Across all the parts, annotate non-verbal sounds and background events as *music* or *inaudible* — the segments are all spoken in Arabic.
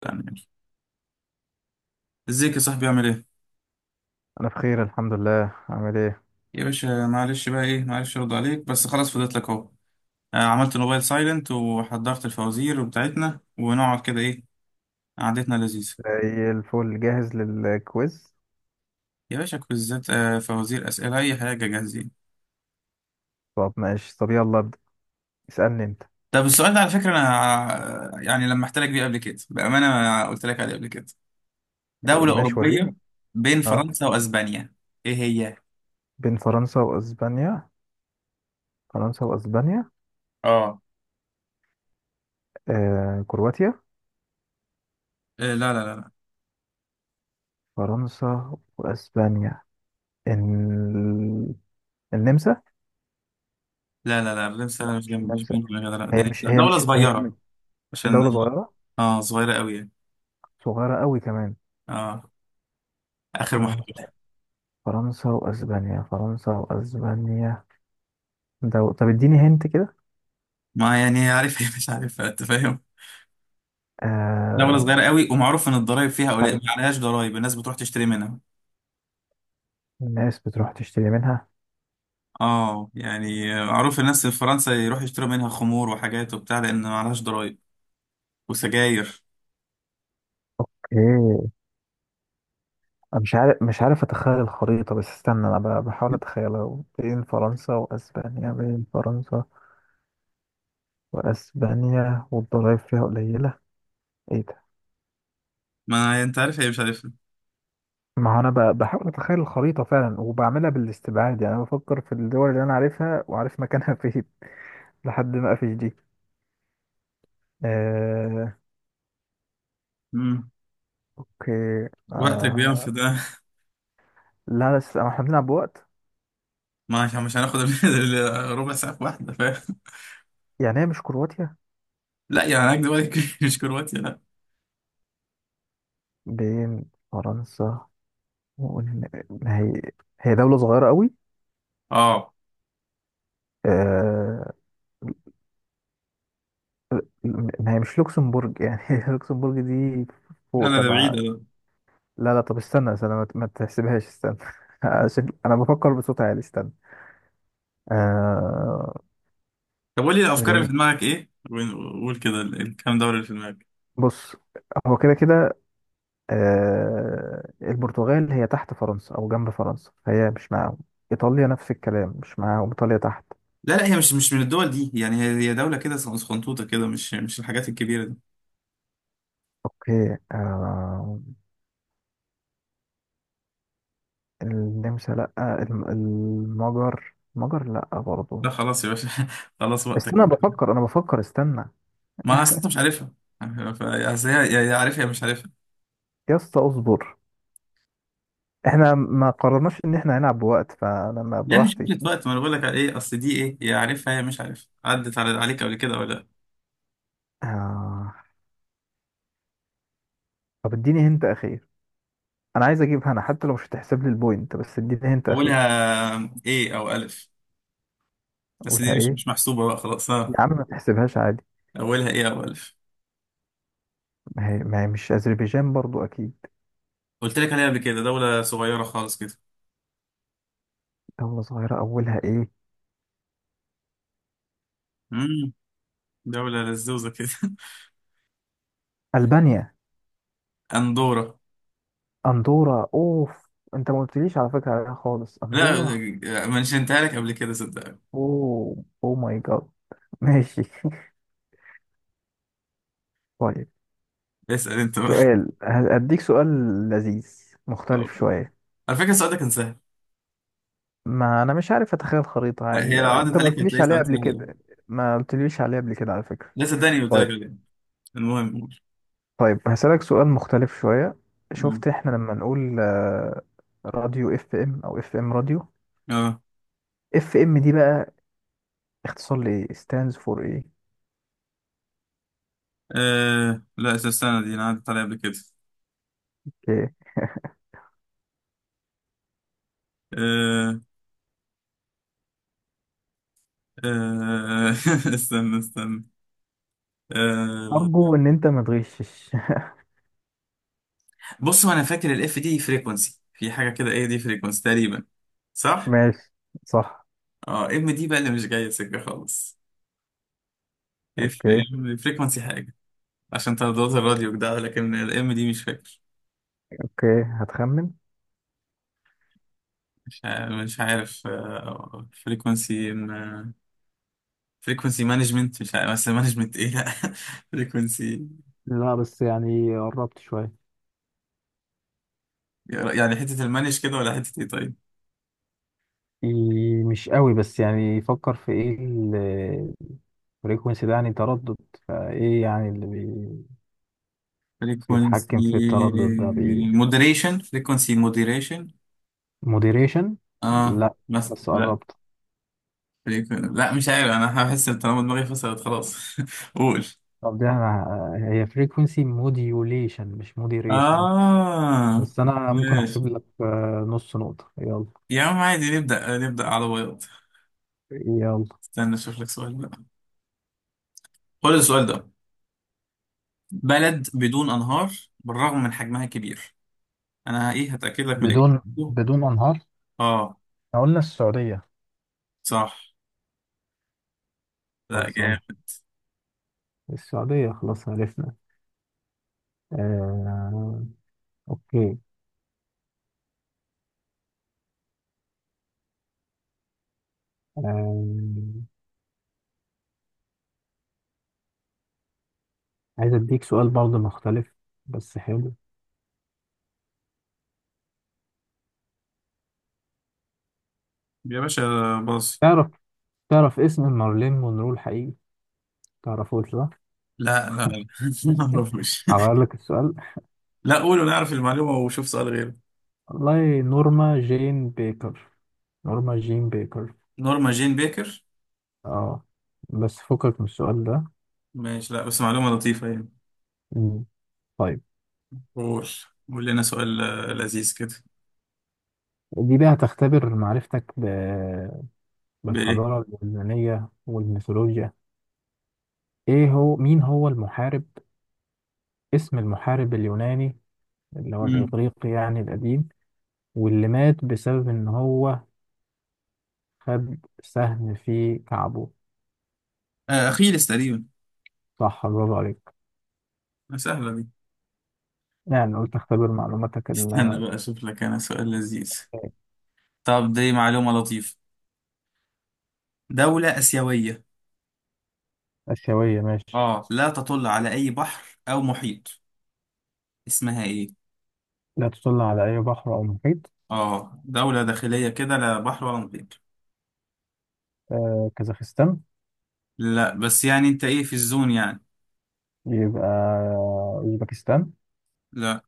تمام ماشي. ازيك يا صاحبي؟ عامل ايه؟ انا بخير الحمد لله. عامل ايه؟ يا باشا معلش بقى ايه، معلش ارد عليك بس خلاص فضيت لك اهو. عملت الموبايل سايلنت وحضرت الفوازير بتاعتنا ونقعد كده ايه، قعدتنا لذيذه. زي الفل، جاهز للكويز. يا باشا كويزات، فوازير، اسئله، اي حاجه جاهزين. طب ماشي، طب يلا ابدا. اسالني انت. طب السؤال ده على فكره انا، يعني لما احتلك بيه قبل كده بامانه ما قلت لك عليه قبل كده. دوله ماشي اوروبيه، وريني. بين اه. فرنسا واسبانيا. ايه هي؟ بين فرنسا واسبانيا؟ فرنسا واسبانيا. اه. آه، كرواتيا. إيه، لا لا لا لا. فرنسا واسبانيا ال... النمسا. لا لا لا، الرمس لا أنا؟ مش مش جنب، مش النمسا. بين. لا لا لا، هي مش لا، هي دوله مش هي م- صغيره. عشان. دولة صغيرة. اه، صغيره قوي. صغيرة قوي كمان. اه. اخر فرنسا. محاولة. فرنسا واسبانيا، فرنسا واسبانيا. دو... طب اديني هنت كده. ما يعني عارفها مش عارفها، انت فاهم. دولة آه. صغيرة قوي، ومعروف ان الضرايب فيها قليل، ما عليهاش ضرايب، الناس بتروح تشتري منها. الناس بتروح تشتري منها. اه يعني معروف الناس في فرنسا يروحوا يشتروا منها خمور وحاجات وبتاع، لان ما عليهاش ضرايب، وسجاير. ايه؟ أنا مش عارف، مش عارف اتخيل الخريطة، بس استنى انا بحاول اتخيلها. بين فرنسا واسبانيا، بين فرنسا واسبانيا والضرايب فيها قليلة. ايه ده؟ ما انت عارف هي مش عارفها. ما هو انا بحاول اتخيل الخريطة فعلا، وبعملها بالاستبعاد يعني. انا بفكر في الدول اللي انا عارفها وعارف مكانها *laughs* فين لحد ما اقفش دي. آه، امم اوكي. وقتك بينفد ده. لا، بس احنا بنلعب بوقت. ما عشان مش هناخد ربع ساعة في واحدة، فاهم. يعني هي مش كرواتيا. لا يعني هناك دلوقتي *laughs* مش كرواتيا لا. بين فرنسا ما هي هي دولة صغيرة قوي. اه. آه، ما هي مش لوكسمبورج يعني، *laughs* لوكسمبورج دي لا فوق لا، ده تبع. بعيدة ده. لا لا، طب استنى استنى، ما تحسبهاش، استنى. *laughs* عشان انا بفكر بصوت عالي، استنى. آه... طب قول لي الافكار اللي إيه؟ في دماغك ايه، وقول كده الكام دولة اللي في دماغك. بص، هو كده كده. آه... البرتغال هي تحت فرنسا او جنب فرنسا، فهي مش معاهم. ايطاليا نفس الكلام مش معاهم، ايطاليا تحت. لا لا، هي مش من الدول دي يعني، هي دولة كده صغنطوطة كده، مش الحاجات الكبيرة دي. اوكي، آه... النمسا لا. المجر، المجر لا لا برضه. خلاص يا باشا، *laughs* خلاص وقتك. استنى بفكر، انا بفكر، استنى. ما اصل انت مش عارفها. اصل هي يا عارفها يا مش عارفها. يا اسطى اصبر، احنا ما قررناش ان احنا هنلعب بوقت، فلما يعني شكلة براحتي. وقت ما انا بقول لك على ايه، اصل دي ايه، يا عارفها يا مش عارفها، عدت على عليك قبل كده ولا لا. آه. طب اديني هنت اخير. انا عايز اجيب هنا حتى لو مش هتحسب لي البوينت، بس اديني هنت اخير. اولها ايه او الف، بس دي قولها مش ايه. مش محسوبة بقى، خلاص ها. يا عم ما تحسبهاش عادي. اولها ايه او الف. ما هي مش اذربيجان برضو اكيد. قلت لك عليها قبل كده، دولة صغيرة خالص كده. دولة صغيرة اولها ايه. امم دولة لزوزة كده. *laughs* البانيا. اندورا. اندورا، اوف، انت ما قلتليش على فكرة عليها خالص، اندورا. لا، منشنتها لك قبل كده صدقني. اوه اوه ماي جاد، ماشي. *laughs* طيب، اسأل انت. سؤال هديك، سؤال لذيذ أه. مختلف شوية. على فكرة السؤال ده كان سهل. ما انا مش عارف اتخيل خريطة عادي هي لو بقى، وانت عدت ما عليك قلتليش هتلاقي عليها سؤال قبل سهل يعني. كده. ما قلتليش عليها قبل كده على فكرة. لا صدقني قلت طيب. لك الإجابة. المهم قول. طيب هسألك سؤال مختلف شوية. مم. شفت احنا لما نقول راديو اف ام او اف ام راديو؟ اه. اف ام دي بقى اختصار لايه، stands for ايه؟ لا استنى، دي انا عدت عليها قبل كده. اوكي. آه. آه *laughs* استنى استنى. آه. ارجو ان انت ما تغشش. بص، هو انا فاكر الاف دي فريكونسي في حاجه كده، ايه دي؟ فريكونسي تقريبا، *laughs* صح. ماشي. صح. اه، ام دي بقى اللي مش جايه سكه خالص. اف اوكي. فريكونسي حاجه، عشان ترددات الراديو كده، لكن الام دي مش فاكر. اوكي هتخمن. مش عارف، مش عارف. آه فريكونسي، فريكونسي مانجمنت، مش عارف، بس مانجمنت ايه، لا. *laughs* فريكونسي، لا بس يعني قربت شوية. يعني حتة المانج كده ولا حتة ايه؟ طيب. إيه، مش قوي، بس يعني فكر في ايه. فريكونسي ده يعني تردد. فايه يعني اللي بي... فريكونسي بيتحكم في التردد ده بي... مودريشن، فريكونسي مودريشن. موديريشن؟ اه لا، مثلا، بس لا. قربت. لا مش عارف، انا هحس إن طالما دماغي فصلت خلاص. *laughs* قول. طب دي انا هي فريكونسي موديوليشن مش موديريشن. اه بس انا ممكن ماشي. احسب لك نص نقطة، يلا. يا عم عادي نبدأ، نبدأ على بياض. يلا. استنى اشوف لك سؤال بقى. خد السؤال ده: بلد بدون انهار بالرغم من حجمها كبير. انا ايه، هتأكد لك من بدون، الاجابة. بدون انهار. اه. إحنا قلنا السعودية. صح. لا خلصانة. جامد. السعودية خلاص عرفنا. آه... اوكي. آه... عايز اديك سؤال برضه مختلف، بس حلو. يا باشا، باص. تعرف، تعرف اسم مارلين مونرو الحقيقي؟ تعرفوش ده؟ لا لا لا. *laughs* ما اعرفش. هغير لك السؤال. لا قول ونعرف المعلومة وشوف سؤال غيره. والله نورما جين بيكر. نورما جين بيكر. نورما جين بيكر. اه. بس فكك من السؤال ده. ماشي، لا بس معلومة لطيفة يعني. مم. طيب، قول، قول لنا سؤال لذيذ كده. دي بقى هتختبر معرفتك ب... بإيه؟ بالحضارة اليونانية والميثولوجيا. ايه هو، مين هو المحارب، اسم المحارب اليوناني اللي هو مم. الإغريقي يعني القديم، واللي مات بسبب ان هو خد سهم في كعبه. أخيلس تقريبا. صح، برافو عليك. سهلة دي. يعني قلت اختبر معلوماتك استنى بقى أشوف لك أنا سؤال لذيذ. طب دي معلومة لطيفة. دولة آسيوية، الآسيوية، ماشي. آه، لا تطل على أي بحر أو محيط. اسمها إيه؟ لا تطل على أي بحر أو محيط. آه دولة داخلية كده، لا بحر ولا محيط. آه، كازاخستان. لا بس يعني انت ايه، في الزون يعني. يبقى أوزبكستان. لا.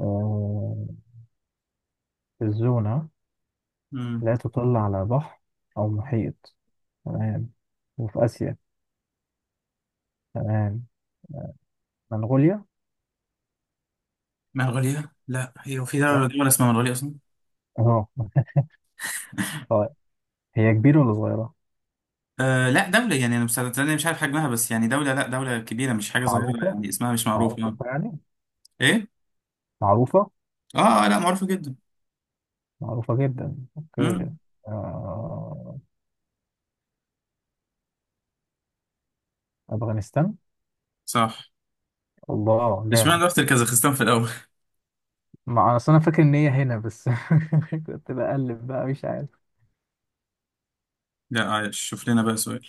آه، الزونة. مم. لا تطل على بحر أو محيط، تمام، وفي آسيا، تمام. منغوليا. منغوليا؟ لا، هي في دولة، اه. دولة اسمها منغوليا اصلا. اه. طيب، هي كبيرة ولا صغيرة؟ آه. لا دولة يعني، انا مش، انا مش عارف حجمها، بس يعني دولة، لا دولة كبيرة مش حاجة صغيرة معروفة، يعني، اسمها مش معروف يعني. معروفة يعني. ايه. معروفة. اه، لا معروفة جدا. معروفة جدا، أوكي. امم آه، أفغانستان. صح. الله جامد. اشمعنى رحت الكازاخستان في الاول؟ ما اصل انا فاكر ان هي هنا بس. *laughs* كنت بقلب بقى مش عارف. *laughs* لا عايش، شوف لنا بقى سؤال.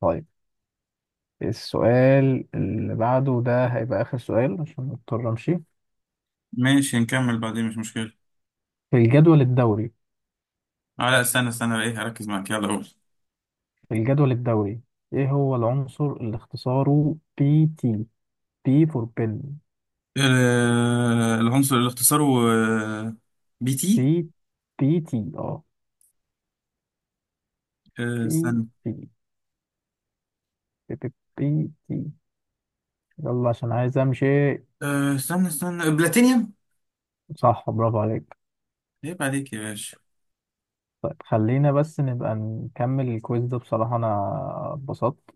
طيب، السؤال اللي بعده ده هيبقى اخر سؤال عشان مضطر امشي. ماشي، نكمل بعدين مش مشكلة. في الجدول الدوري. اه لا استنى، استنى ايه، هركز معاك، يلا قول. في الجدول الدوري ايه هو العنصر اللي اختصاره بي تي؟ بي فور بن. العنصر اللي اختصاره آه، بي بي، تي. بي تي، اه. بي استنى. تي، بي تي، بي تي، يلا عشان عايز امشي. استنى استنى، بلاتينيوم. صح، برافو عليك. عيب عليك يا باشا. طيب خلينا بس نبقى نكمل الكويز ده، بصراحة انا اتبسطت.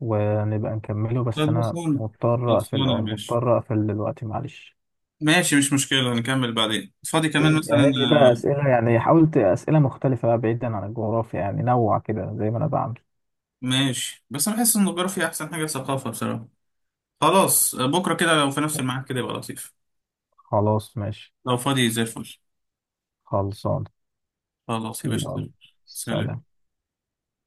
ونبقى نكمله، بس أنا خلصانة، مضطر أقفل، خلصانة يا أه باشا. مضطر أقفل دلوقتي، معلش. ماشي مش مشكلة، نكمل بعدين فاضي كمان مثلا. جهز لي بقى آه، أسئلة، يعني حاولت أسئلة مختلفة بقى، بعيدا عن الجغرافيا يعني، نوع كده زي ما أنا بعمل. ماشي، بس أنا بحس إن الجغرافيا أحسن حاجة ثقافة بصراحة. خلاص، بكرة كده لو في نفس الميعاد كده يبقى لطيف. خلاص ماشي، لو فاضي زي الفل. خلصان. خلاص يا باشا. يلا، سلام. سلام.